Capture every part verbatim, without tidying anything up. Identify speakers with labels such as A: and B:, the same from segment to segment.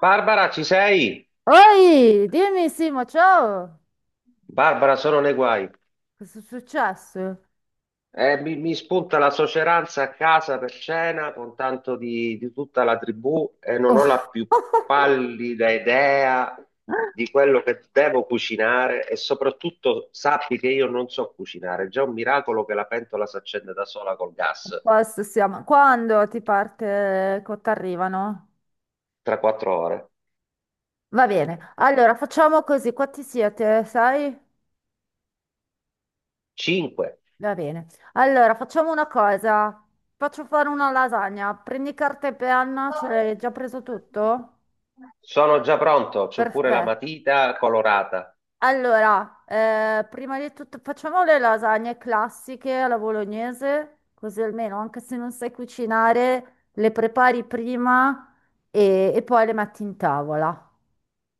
A: Barbara, ci sei?
B: Oi, dimmi Simo, ciao!
A: Barbara, sono nei guai.
B: Cosa è successo?
A: Eh, mi, mi spunta la soceranza a casa per cena con tanto di, di tutta la tribù e non ho la
B: Oh.
A: più pallida idea di quello che devo cucinare e soprattutto sappi che io non so cucinare. È già un miracolo che la pentola si accende da sola col
B: A
A: gas
B: posto siamo. Quando ti parte, quando ti arrivano?
A: tra quattro ore.
B: Va bene, allora facciamo così, quanti siete, sai?
A: Cinque.
B: Va bene. Allora, facciamo una cosa. Faccio fare una lasagna. Prendi carta e penna, ce l'hai già preso tutto?
A: Sono già pronto, c'ho pure la
B: Perfetto.
A: matita colorata.
B: Allora, eh, prima di tutto facciamo le lasagne classiche alla bolognese, così almeno anche se non sai cucinare, le prepari prima e, e poi le metti in tavola.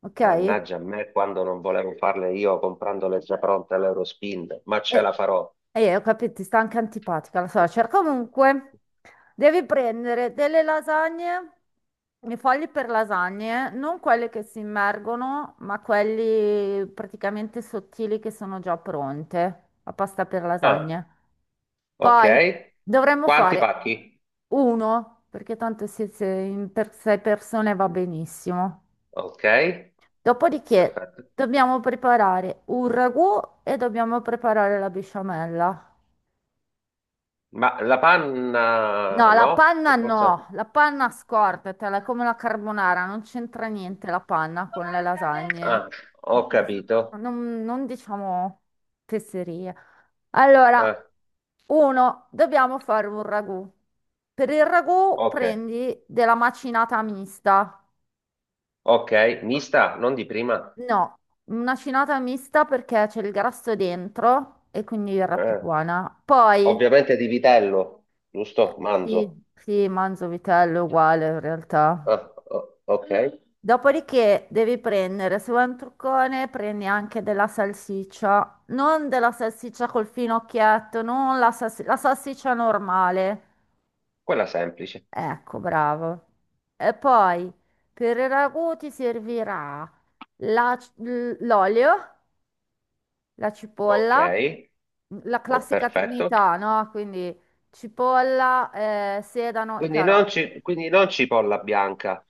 B: Ok?
A: Mannaggia a me quando non volevo farle io comprandole già pronte all'Eurospin, ma ce
B: E,
A: la farò.
B: e ho capito, ti sta anche antipatica la suocera. Comunque, devi prendere delle lasagne, i fogli per lasagne, non quelle che si immergono, ma quelli praticamente sottili che sono già pronte, la pasta per
A: Ah,
B: lasagne.
A: ok.
B: Poi dovremmo
A: Quanti
B: fare
A: pacchi?
B: uno, perché tanto siete in per sei persone va benissimo.
A: Ok,
B: Dopodiché
A: perfetto.
B: dobbiamo preparare un ragù e dobbiamo preparare la besciamella.
A: Ma la panna
B: No, la
A: no?
B: panna
A: Per forza.
B: no, la panna scordatela, è come la carbonara, non c'entra niente la panna con le lasagne.
A: Ah, ho capito.
B: Non, non diciamo fesserie.
A: Eh,
B: Allora, uno, dobbiamo fare un ragù. Per il ragù
A: ok,
B: prendi della macinata mista.
A: ok. Mista, non di prima.
B: No, una cinata mista perché c'è il grasso dentro e quindi verrà più
A: Eh,
B: buona. Poi,
A: ovviamente di vitello,
B: eh,
A: giusto? Manzo.
B: sì, sì, manzo vitello uguale in realtà.
A: Ah, o- ok,
B: Dopodiché devi prendere, se vuoi un truccone, prendi anche della salsiccia, non della salsiccia col finocchietto, non la, salsi- la salsiccia normale.
A: quella semplice.
B: Ecco, bravo. E poi per il ragù ti servirà la c- l- l'olio, la
A: Ok,
B: cipolla, la
A: oh,
B: classica
A: perfetto.
B: trinità, no? Quindi cipolla, eh, sedano e
A: Quindi non,
B: carote.
A: ci- quindi non cipolla bianca.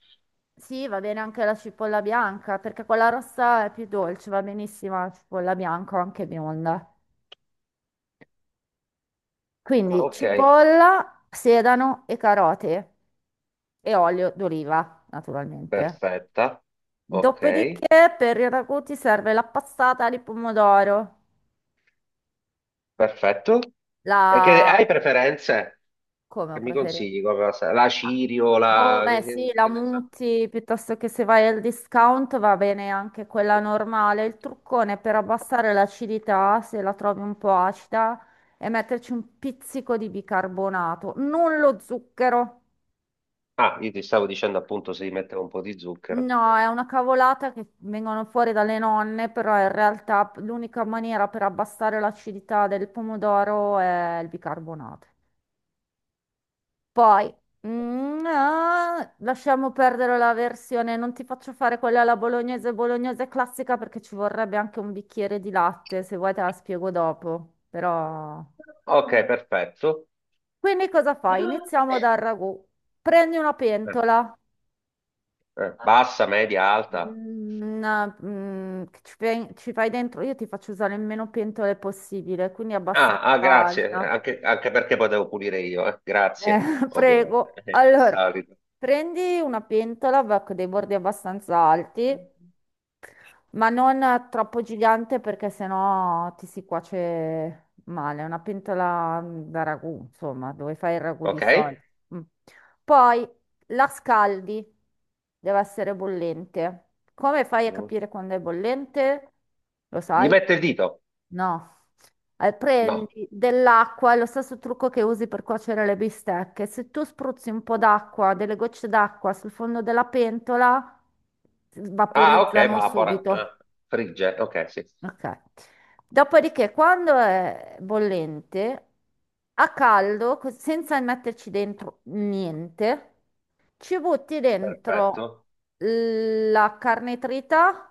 B: Sì, va bene anche la cipolla bianca, perché quella rossa è più dolce, va benissimo la cipolla bianca o anche bionda.
A: Ah,
B: Quindi
A: ok,
B: cipolla, sedano e carote e olio d'oliva, naturalmente.
A: perfetta. Ok,
B: Dopodiché per i ragù ti serve la passata di pomodoro,
A: perfetto. E che,
B: la...
A: hai preferenze?
B: come
A: Che mi
B: preferenza,
A: consigli? Come la, sa- la
B: Ah,
A: cirio,
B: Boh,
A: la...
B: beh,
A: Che,
B: sì,
A: che-
B: la
A: che ne so?
B: muti piuttosto che se vai al discount va bene anche quella normale. Il truccone per abbassare l'acidità, se la trovi un po' acida, è metterci un pizzico di bicarbonato, non lo zucchero.
A: Ah, io ti stavo dicendo appunto se gli mettevo un po' di zucchero.
B: No, è una cavolata che vengono fuori dalle nonne, però in realtà l'unica maniera per abbassare l'acidità del pomodoro è il bicarbonato. Poi, mm, ah, lasciamo perdere la versione, non ti faccio fare quella alla bolognese, bolognese classica perché ci vorrebbe anche un bicchiere di latte, se vuoi te la spiego dopo, però...
A: Ok, perfetto.
B: Quindi cosa fai? Iniziamo dal ragù. Prendi una
A: Eh,
B: pentola,
A: eh, bassa, media, alta.
B: mm, una- mm, che ci fai, ci fai dentro, io ti faccio usare il meno pentole possibile, quindi
A: Ah,
B: abbastanza
A: ah, grazie,
B: alta.
A: anche, anche perché potevo pulire io, eh.
B: Eh,
A: Grazie, ovviamente,
B: prego.
A: Eh, il
B: Allora,
A: solito.
B: prendi una pentola va con dei bordi abbastanza alti ma non troppo gigante perché sennò ti si cuoce male. Una pentola da ragù, insomma, dove fai il ragù di
A: Ok?
B: solito. Mm. Poi la scaldi, deve essere bollente. Come fai a
A: Mm.
B: capire quando è bollente? Lo
A: Gli
B: sai?
A: mette il dito.
B: No. Eh,
A: No.
B: prendi dell'acqua, è lo stesso trucco che usi per cuocere le bistecche. Se tu spruzzi un po' d'acqua, delle gocce d'acqua sul fondo della pentola,
A: Ah, ok,
B: vaporizzano
A: vapora.
B: subito.
A: Ah, frigge. Ok, sì.
B: Ok. Dopodiché, quando è bollente, a caldo, co- senza metterci dentro niente, ci butti dentro
A: Perfetto,
B: la carne trita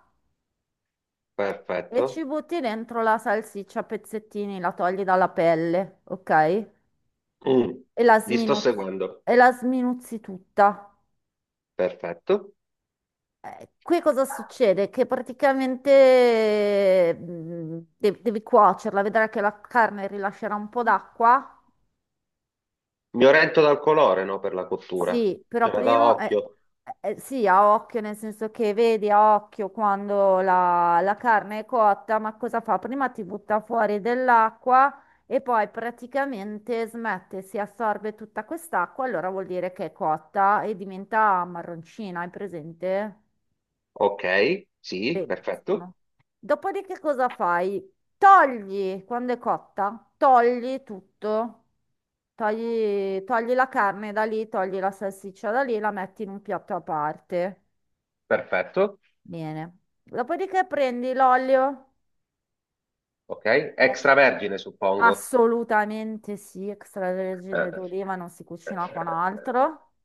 B: e ci
A: perfetto.
B: butti dentro la salsiccia a pezzettini, la togli dalla pelle, ok?
A: Mm,
B: E la
A: ti sto
B: sminuzzi,
A: seguendo.
B: e la sminuzzi tutta.
A: Perfetto.
B: Eh, Qui cosa succede? Che praticamente mm, de- devi cuocerla, vedrai che la carne rilascerà un po' d'acqua.
A: Mi oriento dal colore, no, per la cottura.
B: Sì, però
A: Cioè, vado a
B: prima, eh,
A: occhio.
B: eh, eh, sì, a occhio, nel senso che vedi a occhio quando la, la carne è cotta, ma cosa fa? Prima ti butta fuori dell'acqua e poi praticamente smette, si assorbe tutta quest'acqua, allora vuol dire che è cotta e diventa marroncina, hai presente?
A: Ok, sì, perfetto.
B: Benissimo. Dopodiché cosa fai? Togli, quando è cotta, togli tutto. Togli, togli la carne da lì, togli la salsiccia da lì, la metti in un piatto a parte.
A: Perfetto.
B: Bene. Dopodiché prendi l'olio.
A: Ok,
B: Metti...
A: extravergine, suppongo.
B: Assolutamente sì, extravergine
A: Eh,
B: d'oliva non si
A: eh,
B: cucina con altro.
A: eh,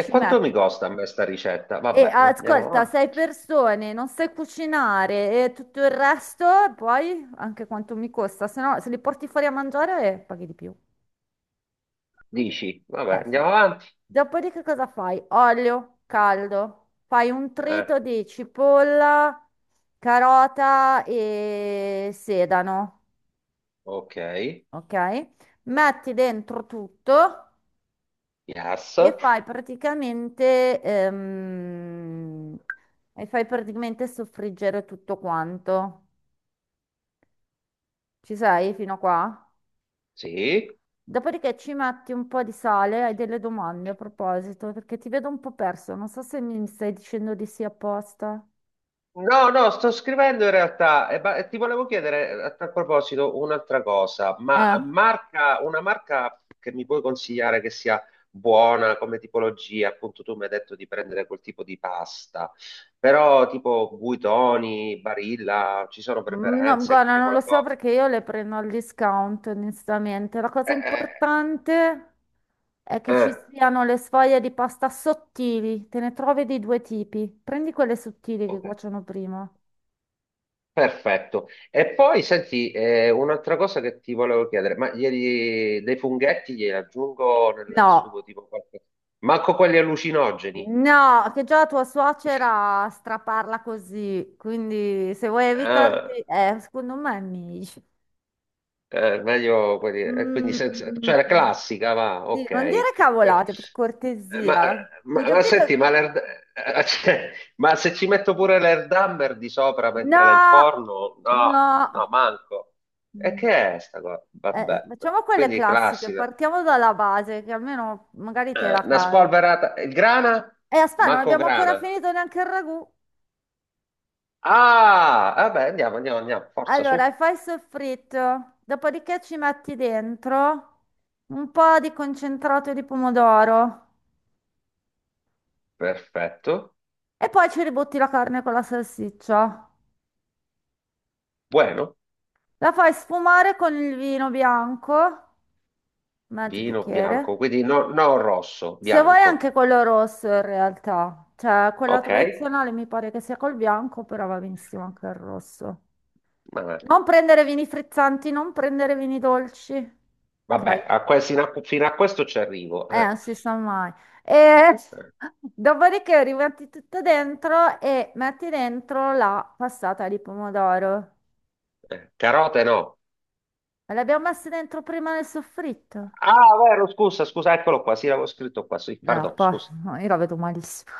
A: E quanto
B: metti.
A: mi costa a me sta ricetta?
B: E
A: Vabbè, andiamo
B: ascolta,
A: avanti.
B: sei persone, non sai cucinare e tutto il resto, poi anche quanto mi costa, se no se li porti fuori a mangiare eh, paghi di più.
A: Dici, vabbè,
B: Eh sì.
A: andiamo avanti.
B: Dopodiché cosa fai? Olio caldo, fai un
A: Eh,
B: trito di cipolla, carota e sedano,
A: ok,
B: ok? Metti dentro tutto
A: yes,
B: e fai praticamente, ehm, e fai praticamente soffriggere tutto quanto. Ci sei fino a qua?
A: sì.
B: Dopodiché ci metti un po' di sale, hai delle domande a proposito, perché ti vedo un po' perso, non so se mi stai dicendo di sì apposta.
A: No, no, sto scrivendo in realtà, e ba- e ti volevo chiedere eh, a tal proposito un'altra cosa, ma
B: Eh,
A: marca, una marca che mi puoi consigliare che sia buona come tipologia, appunto tu mi hai detto di prendere quel tipo di pasta, però tipo Buitoni, Barilla, ci sono
B: Mm, No,
A: preferenze,
B: guarda,
A: cambia
B: non lo so
A: qualcosa?
B: perché io le prendo al discount, onestamente. La cosa
A: Eh,
B: importante è
A: eh,
B: che
A: eh,
B: ci siano le sfoglie di pasta sottili, te ne trovi di due tipi. Prendi quelle sottili che
A: ok.
B: cuociono prima.
A: Perfetto. E poi senti, eh, un'altra cosa che ti volevo chiedere, ma ieri dei funghetti glieli aggiungo nel, nel
B: No,
A: sugo tipo qualche... Manco quelli allucinogeni.
B: no, che già tua suocera straparla così, quindi se vuoi evitarti,
A: Ah,
B: eh, secondo me è meglio.
A: eh, meglio quelli... eh, quindi
B: Mm,
A: senza...
B: mm,
A: cioè la
B: mm.
A: classica, va,
B: Sì, non
A: ok.
B: dire
A: Per-
B: cavolate, per
A: eh, ma,
B: cortesia. Ho
A: ma- ma
B: capito
A: senti,
B: che...
A: ma, l'erd- eh, cioè, ma se ci metto pure l'erdamber di sopra mentre la
B: No,
A: inforno, no, no,
B: no.
A: manco. E
B: Mm.
A: che è sta cosa?
B: Eh,
A: Vabbè,
B: facciamo quelle
A: quindi
B: classiche,
A: classica.
B: partiamo dalla base, che almeno magari te
A: Eh,
B: la
A: una
B: cavi.
A: spolverata. Il grana?
B: E aspetta, non
A: Manco
B: abbiamo ancora
A: grana.
B: finito neanche il ragù.
A: Ah, vabbè, andiamo, andiamo, andiamo. Forza
B: Allora,
A: su.
B: fai il soffritto, dopodiché ci metti dentro un po' di concentrato di pomodoro
A: Perfetto.
B: e poi ci ributti la carne con la salsiccia.
A: Buono.
B: La fai sfumare con il vino bianco, mezzo
A: Vino
B: bicchiere.
A: bianco, quindi no, no rosso,
B: Se vuoi
A: bianco.
B: anche quello rosso in realtà, cioè quella
A: Ok?
B: tradizionale mi pare che sia col bianco, però va benissimo anche il rosso.
A: Vabbè,
B: Non prendere vini frizzanti, non prendere vini dolci.
A: vabbè,
B: Ok?
A: a que- fino a, fino a questo ci arrivo.
B: Eh,
A: Eh,
B: non si sa mai. E
A: eh,
B: dopodiché rimetti tutto dentro e metti dentro la passata di pomodoro.
A: eh. Carote no.
B: Ma l'abbiamo messa dentro prima nel soffritto?
A: Ah, vero, scusa, scusa, eccolo qua. Sì, l'avevo scritto qua. Sì,
B: No,
A: pardon,
B: poi
A: scusa.
B: no, io la vedo malissimo.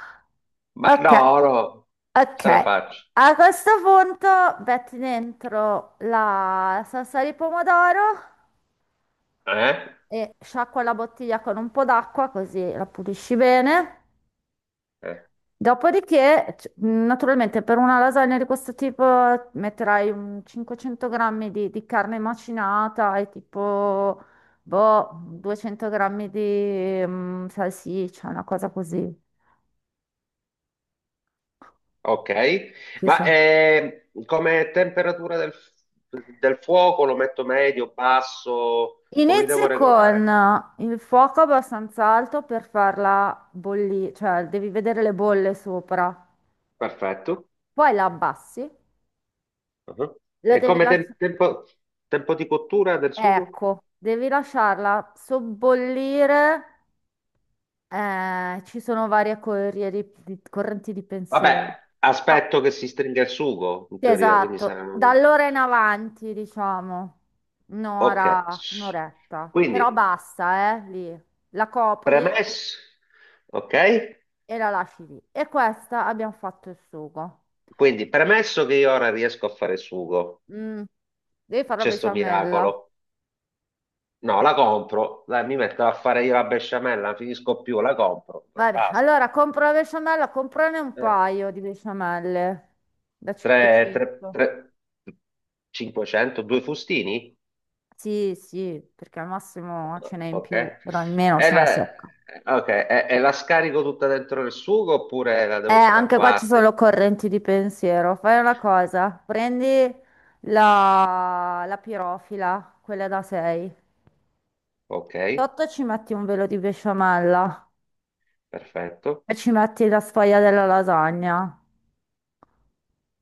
A: Ma no,
B: Ok,
A: no, ce la
B: ok.
A: faccio.
B: A questo punto metti dentro la salsa di pomodoro
A: Eh?
B: e sciacqua la bottiglia con un po' d'acqua così la pulisci bene.
A: Eh.
B: Dopodiché, c- naturalmente, per una lasagna di questo tipo metterai un cinquecento grammi di, di carne macinata e tipo, boh, duecento grammi di mm, salsiccia, una cosa così.
A: Ok,
B: Ci
A: ma
B: sa.
A: eh, come temperatura del, del fuoco lo metto medio, basso, come devo
B: Inizia
A: regolare?
B: con il fuoco abbastanza alto per farla bollire, cioè devi vedere le bolle sopra.
A: Perfetto.
B: Poi la abbassi,
A: Uh-huh.
B: la
A: E
B: devi
A: come tem-
B: lasciare,
A: tempo, tempo di cottura del sugo?
B: ecco, devi lasciarla sobbollire. Eh, ci sono varie corrie di- di- correnti di pensiero.
A: Vabbè,
B: No,
A: aspetto che si stringa il sugo, in
B: sì,
A: teoria, quindi
B: esatto, da
A: saranno...
B: allora in avanti, diciamo,
A: Ok,
B: un'ora, un'oretta, però
A: quindi
B: basta, eh, lì, la copri
A: premesso... Ok?
B: e la lasci lì. E questa abbiamo fatto il sugo.
A: Quindi premesso che io ora riesco a fare il sugo,
B: Mm, devi fare la
A: c'è sto
B: besciamella.
A: miracolo. No, la compro, dai, mi metto a fare io la besciamella, non finisco più, la compro,
B: Vabbè,
A: basta.
B: allora compro la besciamella, comprane un
A: Eh,
B: paio di besciamelle da
A: tre, tre,
B: cinquecento.
A: tre, cinquecento, due fustini?
B: Sì, sì, perché al massimo ce n'è in
A: Ok.
B: più, però in meno
A: E
B: se no è
A: la,
B: secca.
A: ok, e, e la scarico tutta dentro il sugo oppure la
B: Eh,
A: devo fare a
B: anche qua ci sono
A: parte?
B: correnti di pensiero. Fai una cosa, prendi la, la pirofila, quella da sei.
A: Ok,
B: Sotto ci metti un velo di besciamella
A: perfetto.
B: e ci metti la sfoglia della lasagna.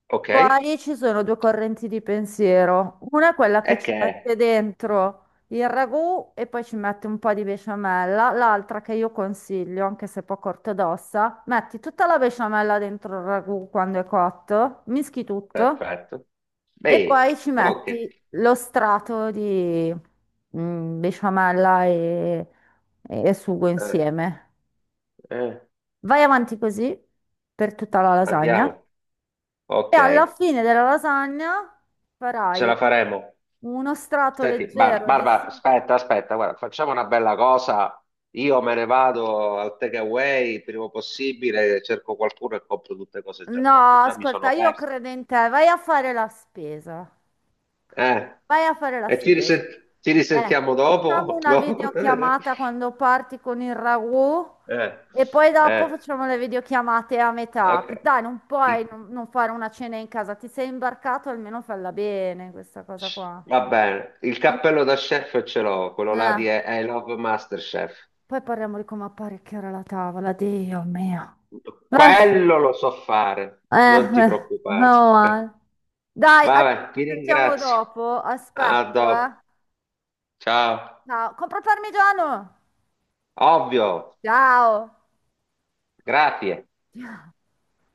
A: Ok, e
B: Poi ci sono due correnti di pensiero. Una è quella che
A: che
B: ci mette
A: è?
B: dentro il ragù e poi ci mette un po' di besciamella. L'altra che io consiglio, anche se poco ortodossa, metti tutta la besciamella dentro il ragù quando è cotto, mischi tutto.
A: Perfetto.
B: E
A: Beh,
B: poi ci
A: ok,
B: metti lo strato di mm, besciamella e, e sugo
A: eh,
B: insieme.
A: eh,
B: Vai avanti così per tutta la lasagna
A: andiamo.
B: e
A: Ok,
B: alla fine della lasagna
A: ce
B: farai
A: la faremo.
B: uno strato
A: Senti, Bar-
B: leggero di
A: Barbara,
B: sugo.
A: aspetta, aspetta, guarda, facciamo una bella cosa. Io me ne vado al takeaway il prima possibile, cerco qualcuno e compro tutte cose già
B: No,
A: pronte. Già mi
B: ascolta,
A: sono
B: io
A: perso.
B: credo in te, vai a fare la spesa.
A: Eh,
B: Vai a fare la
A: E ci risen-
B: spesa.
A: ci
B: Eh,
A: risentiamo
B: Facciamo
A: dopo?
B: una
A: Dopo? Eh,
B: videochiamata quando parti con il ragù e poi
A: eh,
B: dopo facciamo le videochiamate a metà.
A: ok.
B: Dai, non puoi
A: I-
B: non non fare una cena in casa. Ti sei imbarcato, almeno falla bene questa cosa qua.
A: va bene, il
B: Ma-
A: cappello da chef ce l'ho, quello là
B: eh,
A: di I I Love Masterchef.
B: Poi parliamo di come apparecchiare la tavola, Dio mio. Eh,
A: Quello lo so fare,
B: eh,
A: non ti
B: eh, no,
A: preoccupare. Eh.
B: eh. Dai, allora
A: Vabbè,
B: ci
A: ti
B: sentiamo
A: ringrazio.
B: dopo.
A: A
B: Aspetto, eh.
A: dopo. Ciao.
B: Ciao. Compra il parmigiano!
A: Ovvio.
B: Ciao.
A: Grazie.